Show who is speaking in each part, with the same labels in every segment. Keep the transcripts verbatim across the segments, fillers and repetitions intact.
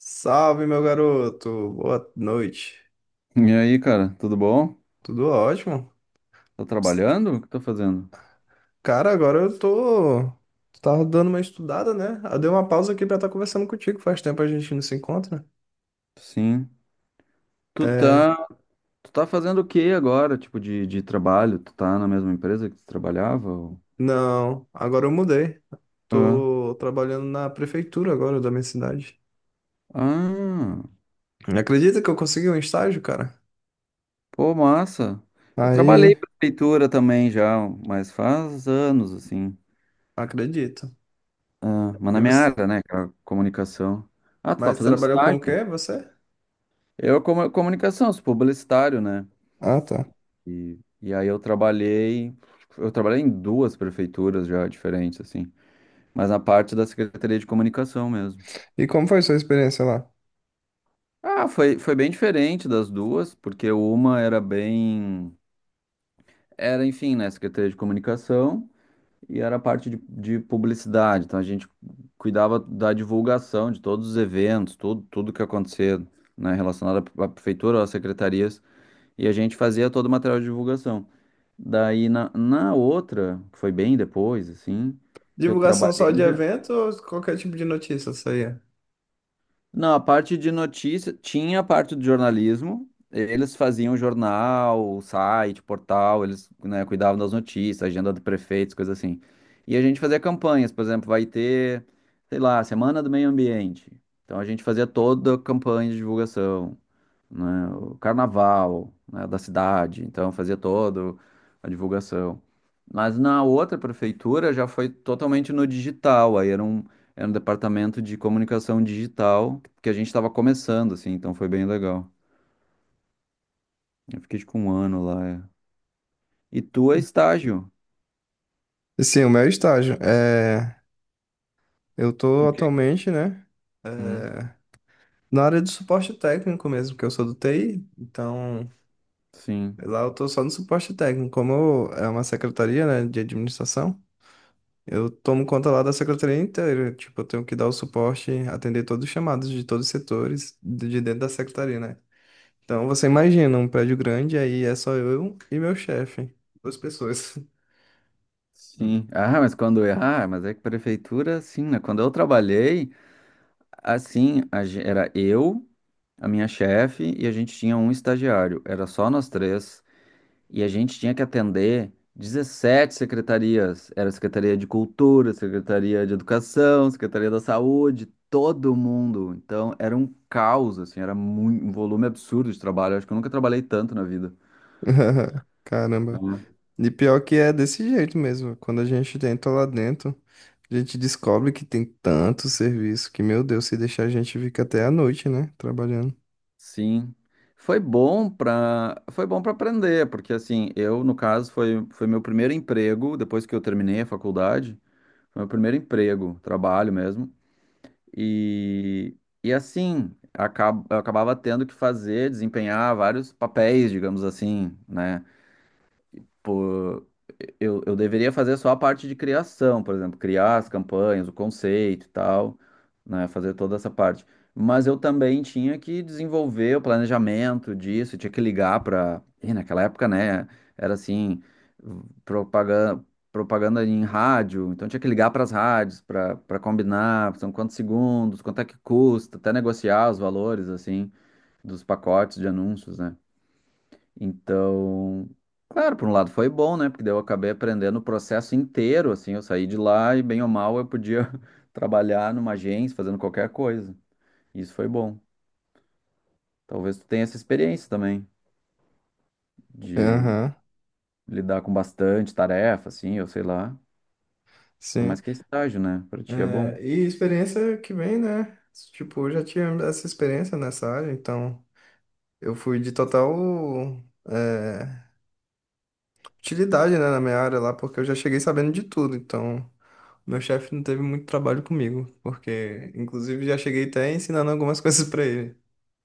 Speaker 1: Salve, meu garoto. Boa noite.
Speaker 2: E aí, cara, tudo bom?
Speaker 1: Tudo ótimo?
Speaker 2: Tá
Speaker 1: Ps,
Speaker 2: trabalhando? O que tá fazendo?
Speaker 1: Cara, agora eu tô. Tava dando uma estudada, né? Eu dei uma pausa aqui pra estar conversando contigo. Faz tempo a gente não se encontra.
Speaker 2: Sim. Tu
Speaker 1: É,
Speaker 2: tá, tu tá fazendo o que agora, tipo, de, de trabalho? Tu tá na mesma empresa que tu trabalhava? Ou-
Speaker 1: não, agora eu mudei.
Speaker 2: ah,
Speaker 1: Tô trabalhando na prefeitura agora da minha cidade.
Speaker 2: ah,
Speaker 1: Acredita que eu consegui um estágio, cara?
Speaker 2: pô, massa. Eu trabalhei
Speaker 1: Aí,
Speaker 2: pra prefeitura também já, mas faz anos, assim.
Speaker 1: acredito.
Speaker 2: Ah, mas
Speaker 1: E
Speaker 2: na minha
Speaker 1: você...
Speaker 2: área, né, cara, comunicação. Ah, tu tá
Speaker 1: Mas
Speaker 2: fazendo
Speaker 1: trabalhou com o
Speaker 2: estágio.
Speaker 1: quê, você?
Speaker 2: Eu, como comunicação, sou publicitário, né?
Speaker 1: Ah, tá.
Speaker 2: E, e aí eu trabalhei, eu trabalhei em duas prefeituras já diferentes, assim, mas na parte da Secretaria de Comunicação mesmo.
Speaker 1: E como foi sua experiência lá?
Speaker 2: Ah, foi, foi bem diferente das duas, porque uma era bem. Era, enfim, né? Secretaria de Comunicação e era a parte de, de publicidade. Então a gente cuidava da divulgação de todos os eventos, tudo, tudo que acontecia, né, relacionado à à prefeitura, às secretarias, e a gente fazia todo o material de divulgação. Daí na, na outra, que foi bem depois, assim, que eu
Speaker 1: Divulgação só
Speaker 2: trabalhei
Speaker 1: de
Speaker 2: já.
Speaker 1: evento ou qualquer tipo de notícia, isso aí?
Speaker 2: Não, a parte de notícia, tinha a parte do jornalismo, eles faziam jornal, site, portal, eles, né, cuidavam das notícias, agenda do prefeito, coisas assim. E a gente fazia campanhas. Por exemplo, vai ter, sei lá, Semana do Meio Ambiente. Então a gente fazia toda a campanha de divulgação, né, o carnaval, né, da cidade, então fazia todo a divulgação. Mas na outra prefeitura já foi totalmente no digital. Aí era um, era um departamento de comunicação digital que a gente estava começando, assim, então foi bem legal. Eu fiquei tipo um ano lá. É. E tu é estágio?
Speaker 1: Sim, o meu estágio. É, eu
Speaker 2: O
Speaker 1: tô
Speaker 2: quê?
Speaker 1: atualmente, né? é,
Speaker 2: Hum,
Speaker 1: Na área do suporte técnico mesmo, que eu sou do T I, então
Speaker 2: sim.
Speaker 1: lá eu tô só no suporte técnico. Como eu- é uma secretaria, né, de administração, eu tomo conta lá da secretaria inteira. Tipo, eu tenho que dar o suporte, atender todos os chamados de todos os setores de de dentro da secretaria, né? Então você imagina um prédio grande, aí é só eu e meu chefe, duas pessoas.
Speaker 2: Sim. Ah, mas quando errar, mas é que prefeitura, sim, né? Quando eu trabalhei, assim, a ge- era eu, a minha chefe e a gente tinha um estagiário. Era só nós três e a gente tinha que atender dezessete secretarias. Era Secretaria de Cultura, Secretaria de Educação, Secretaria da Saúde, todo mundo. Então era um caos, assim, era mui- um volume absurdo de trabalho. Eu acho que eu nunca trabalhei tanto na vida.
Speaker 1: Caramba.
Speaker 2: Uhum.
Speaker 1: E pior que é desse jeito mesmo. Quando a gente tenta lá dentro, a gente descobre que tem tanto serviço que, meu Deus, se deixar a gente fica até a noite, né? Trabalhando.
Speaker 2: Sim. Foi bom para foi bom para aprender, porque assim, eu no caso foi foi meu primeiro emprego depois que eu terminei a faculdade, foi meu primeiro emprego, trabalho mesmo. E, e assim, acab- eu acabava tendo que fazer, desempenhar vários papéis, digamos assim, né? Pô, eu, eu deveria fazer só a parte de criação, por exemplo, criar as campanhas, o conceito e tal, né? Fazer toda essa parte. Mas eu também tinha que desenvolver o planejamento disso, tinha que ligar para. E naquela época, né? Era assim, propaganda, propaganda em rádio, então tinha que ligar para as rádios para para combinar, são quantos segundos, quanto é que custa, até negociar os valores, assim, dos pacotes de anúncios, né? Então, claro, por um lado foi bom, né? Porque daí eu acabei aprendendo o processo inteiro, assim, eu saí de lá e bem ou mal eu podia trabalhar numa agência, fazendo qualquer coisa. Isso foi bom. Talvez tu tenha essa experiência também de
Speaker 1: Aham,
Speaker 2: lidar com bastante tarefa, assim, eu sei lá. Ainda
Speaker 1: sim.
Speaker 2: mais que é estágio, né? Pra ti é bom.
Speaker 1: É, e experiência que vem, né? Tipo, eu já tinha essa experiência nessa área, então eu fui de total é, utilidade, né, na minha área lá, porque eu já cheguei sabendo de tudo, então. Meu chefe não teve muito trabalho comigo, porque inclusive já cheguei até ensinando algumas coisas pra ele.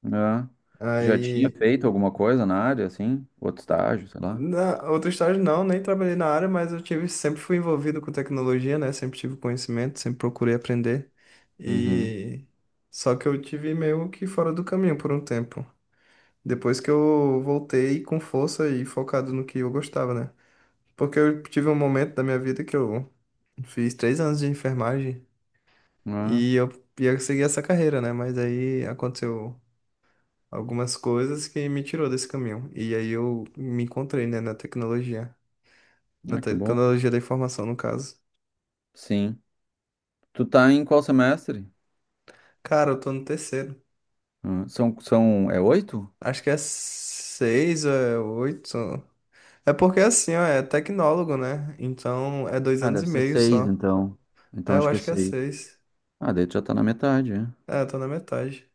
Speaker 2: É. Tu já tinha
Speaker 1: Aí
Speaker 2: feito alguma coisa na área, assim? Outro estágio, sei lá.
Speaker 1: na outra estágio não, nem trabalhei na área, mas eu tive, sempre fui envolvido com tecnologia, né? Sempre tive conhecimento, sempre procurei aprender.
Speaker 2: Uhum.
Speaker 1: E só que eu tive meio que fora do caminho por um tempo. Depois que eu voltei com força e focado no que eu gostava, né? Porque eu tive um momento da minha vida que eu fiz três anos de enfermagem
Speaker 2: Ah,
Speaker 1: e eu ia seguir essa carreira, né? Mas aí aconteceu algumas coisas que me tirou desse caminho. E aí eu me encontrei, né, na tecnologia. Na
Speaker 2: ah, que
Speaker 1: te-
Speaker 2: bom.
Speaker 1: tecnologia da informação, no caso.
Speaker 2: Sim. Tu tá em qual semestre?
Speaker 1: Cara, eu tô no terceiro.
Speaker 2: Ah, são, são, é oito?
Speaker 1: Acho que é seis ou é oito. É porque assim, ó, é tecnólogo, né? Então é dois
Speaker 2: Ah,
Speaker 1: anos e
Speaker 2: deve ser
Speaker 1: meio
Speaker 2: seis,
Speaker 1: só.
Speaker 2: então. Então
Speaker 1: É, eu
Speaker 2: acho que é
Speaker 1: acho que é
Speaker 2: seis.
Speaker 1: seis.
Speaker 2: Ah, daí tu já tá na metade, né?
Speaker 1: É, eu tô na metade.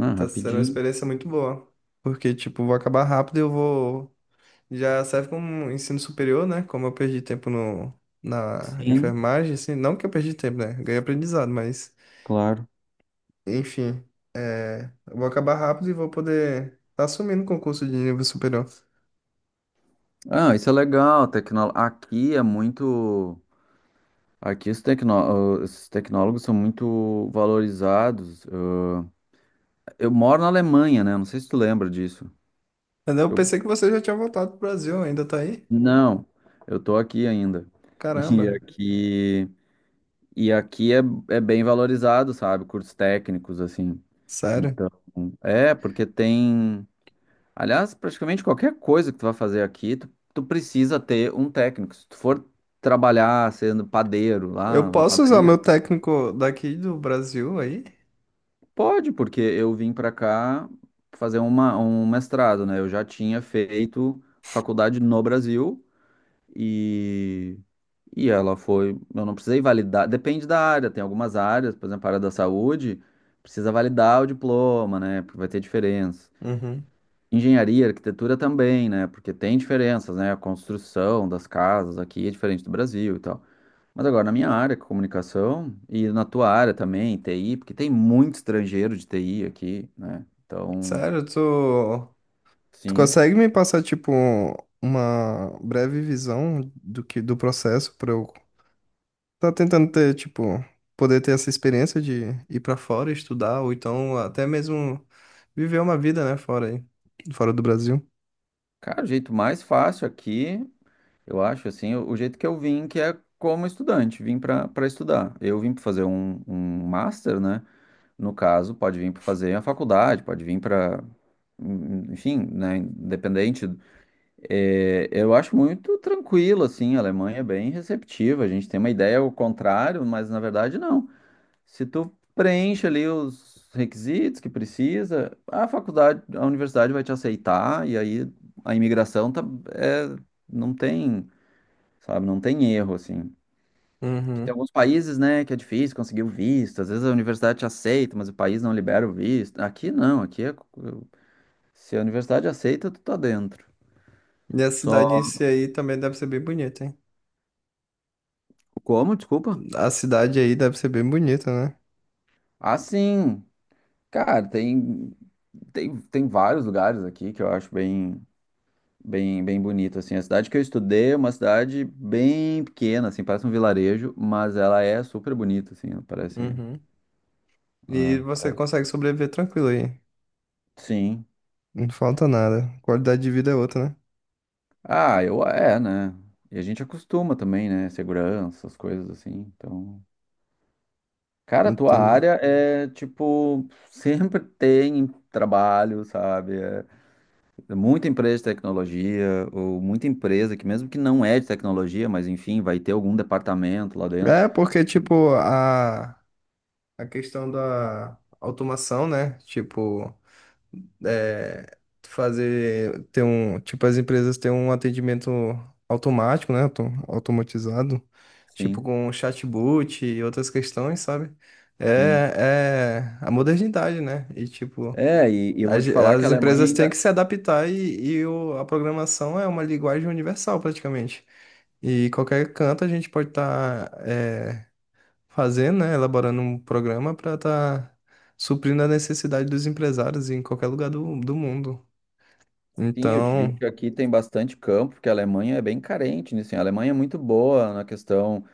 Speaker 1: E tá sendo uma
Speaker 2: rapidinho.
Speaker 1: experiência muito boa. Porque, tipo, vou acabar rápido e eu vou. Já serve como um ensino superior, né? Como eu perdi tempo no... na
Speaker 2: Sim.
Speaker 1: enfermagem, assim. Não que eu perdi tempo, né? Ganhei aprendizado, mas. Enfim, é, eu vou acabar rápido e vou poder tá assumindo o concurso de nível superior.
Speaker 2: Ah, isso é legal. Tecno... aqui é muito. Aqui os, tecno... os tecnólogos são muito valorizados. Eu moro na Alemanha, né? Não sei se tu lembra disso.
Speaker 1: Mas eu
Speaker 2: Eu...
Speaker 1: pensei que você já tinha voltado pro Brasil, ainda tá aí?
Speaker 2: não, eu tô aqui ainda. E
Speaker 1: Caramba,
Speaker 2: aqui. E aqui é, é bem valorizado, sabe? Cursos técnicos, assim.
Speaker 1: sério.
Speaker 2: Então, é, porque tem. Aliás, praticamente qualquer coisa que tu vai fazer aqui, tu, tu precisa ter um técnico. Se tu for trabalhar sendo padeiro
Speaker 1: Eu
Speaker 2: lá na
Speaker 1: posso usar
Speaker 2: padaria,
Speaker 1: meu técnico daqui do Brasil aí?
Speaker 2: pode, porque eu vim pra cá fazer uma, um mestrado, né? Eu já tinha feito faculdade no Brasil e, e ela foi. Eu não precisei validar, depende da área, tem algumas áreas, por exemplo, a área da saúde, precisa validar o diploma, né? Porque vai ter diferença.
Speaker 1: Uhum.
Speaker 2: Engenharia, arquitetura também, né? Porque tem diferenças, né? A construção das casas aqui é diferente do Brasil e tal. Mas agora, na minha área, comunicação, e na tua área também, T I, porque tem muito estrangeiro de T I aqui, né? Então,
Speaker 1: Sério, tu, tu
Speaker 2: sim.
Speaker 1: consegue me passar, tipo, uma breve visão do que do processo para eu tá tentando ter, tipo, poder ter essa experiência de ir pra fora estudar, ou então até mesmo viver uma vida, né, fora aí, fora do Brasil.
Speaker 2: Cara, o jeito mais fácil aqui, eu acho, assim, o o jeito que eu vim, que é como estudante, vim para para estudar. Eu vim para fazer um, um master, né? No caso, pode vir para fazer a faculdade, pode vir para enfim, né, independente. É, eu acho muito tranquilo, assim, a Alemanha é bem receptiva. A gente tem uma ideia ao contrário, mas na verdade não. Se tu preenche ali os requisitos que precisa, a faculdade, a universidade vai te aceitar e aí a imigração tá, é, não tem, sabe, não tem erro, assim. Que tem
Speaker 1: Uhum.
Speaker 2: alguns países, né, que é difícil conseguir o visto. Às vezes a universidade te aceita, mas o país não libera o visto. Aqui não, aqui é, se a universidade aceita, tu tá dentro.
Speaker 1: E a
Speaker 2: Só
Speaker 1: cidade em si aí também deve ser bem bonita, hein?
Speaker 2: como, desculpa?
Speaker 1: A cidade aí deve ser bem bonita, né?
Speaker 2: Ah, sim. Cara, tem, tem, tem vários lugares aqui que eu acho bem, bem, bem bonito, assim. A cidade que eu estudei é uma cidade bem pequena, assim, parece um vilarejo, mas ela é super bonita, assim, ela parece...
Speaker 1: Uhum. E
Speaker 2: ah,
Speaker 1: você
Speaker 2: parece-
Speaker 1: consegue sobreviver tranquilo aí.
Speaker 2: sim.
Speaker 1: Não falta nada. Qualidade de vida é outra, né?
Speaker 2: Ah, eu... é, né? E a gente acostuma também, né? Segurança, essas coisas assim, então... Cara, a tua
Speaker 1: Entendi.
Speaker 2: área é, tipo, sempre tem trabalho, sabe? É, muita empresa de tecnologia, ou muita empresa que mesmo que não é de tecnologia, mas enfim, vai ter algum departamento lá dentro.
Speaker 1: É, porque, tipo, a, a questão da automação, né? Tipo. é, Fazer ter um tipo as empresas têm um atendimento automático, né, auto- automatizado, tipo
Speaker 2: Sim,
Speaker 1: com chatbot e outras questões, sabe? É,
Speaker 2: sim.
Speaker 1: é a modernidade, né? E tipo
Speaker 2: É, e, e eu vou
Speaker 1: as,
Speaker 2: te falar que a
Speaker 1: as
Speaker 2: Alemanha
Speaker 1: empresas têm que
Speaker 2: ainda.
Speaker 1: se adaptar e, e o- a programação é uma linguagem universal praticamente. E qualquer canto a gente pode estar fazendo, né, elaborando um programa para estar suprindo a necessidade dos empresários em qualquer lugar do, do mundo.
Speaker 2: Sim, eu te digo
Speaker 1: Então,
Speaker 2: que aqui tem bastante campo, porque a Alemanha é bem carente nisso, hein? A Alemanha é muito boa na questão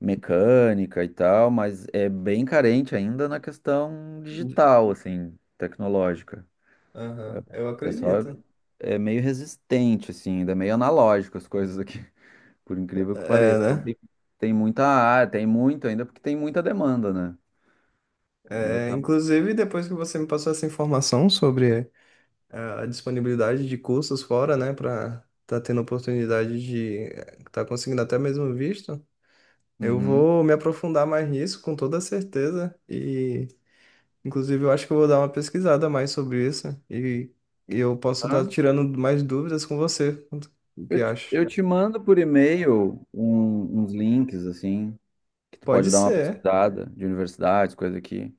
Speaker 2: mecânica e tal, mas é bem carente ainda na questão digital, assim, tecnológica.
Speaker 1: aham, eu
Speaker 2: O pessoal
Speaker 1: acredito.
Speaker 2: é, é meio resistente, assim, ainda é meio analógico as coisas aqui, por incrível que
Speaker 1: É,
Speaker 2: pareça. Então
Speaker 1: né?
Speaker 2: tem, tem muita área, tem muito ainda, porque tem muita demanda, né? Ainda
Speaker 1: É,
Speaker 2: tá.
Speaker 1: inclusive, depois que você me passou essa informação sobre é, a disponibilidade de cursos fora, né, para tá tendo oportunidade de é, tá conseguindo até mesmo visto, eu
Speaker 2: Uhum.
Speaker 1: vou me aprofundar mais nisso com toda certeza e inclusive, eu acho que eu vou dar uma pesquisada mais sobre isso e, e eu posso estar
Speaker 2: Tá?
Speaker 1: tirando mais dúvidas com você. O que
Speaker 2: Eu, te-
Speaker 1: acha?
Speaker 2: eu te mando por e-mail um- uns links, assim, que tu
Speaker 1: Pode
Speaker 2: pode dar uma
Speaker 1: ser,
Speaker 2: pesquisada de universidades, coisa aqui.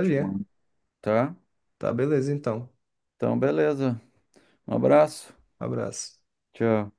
Speaker 2: Te mando, tá?
Speaker 1: Tá, beleza, então.
Speaker 2: Então, beleza. Um abraço.
Speaker 1: Abraço.
Speaker 2: Tchau.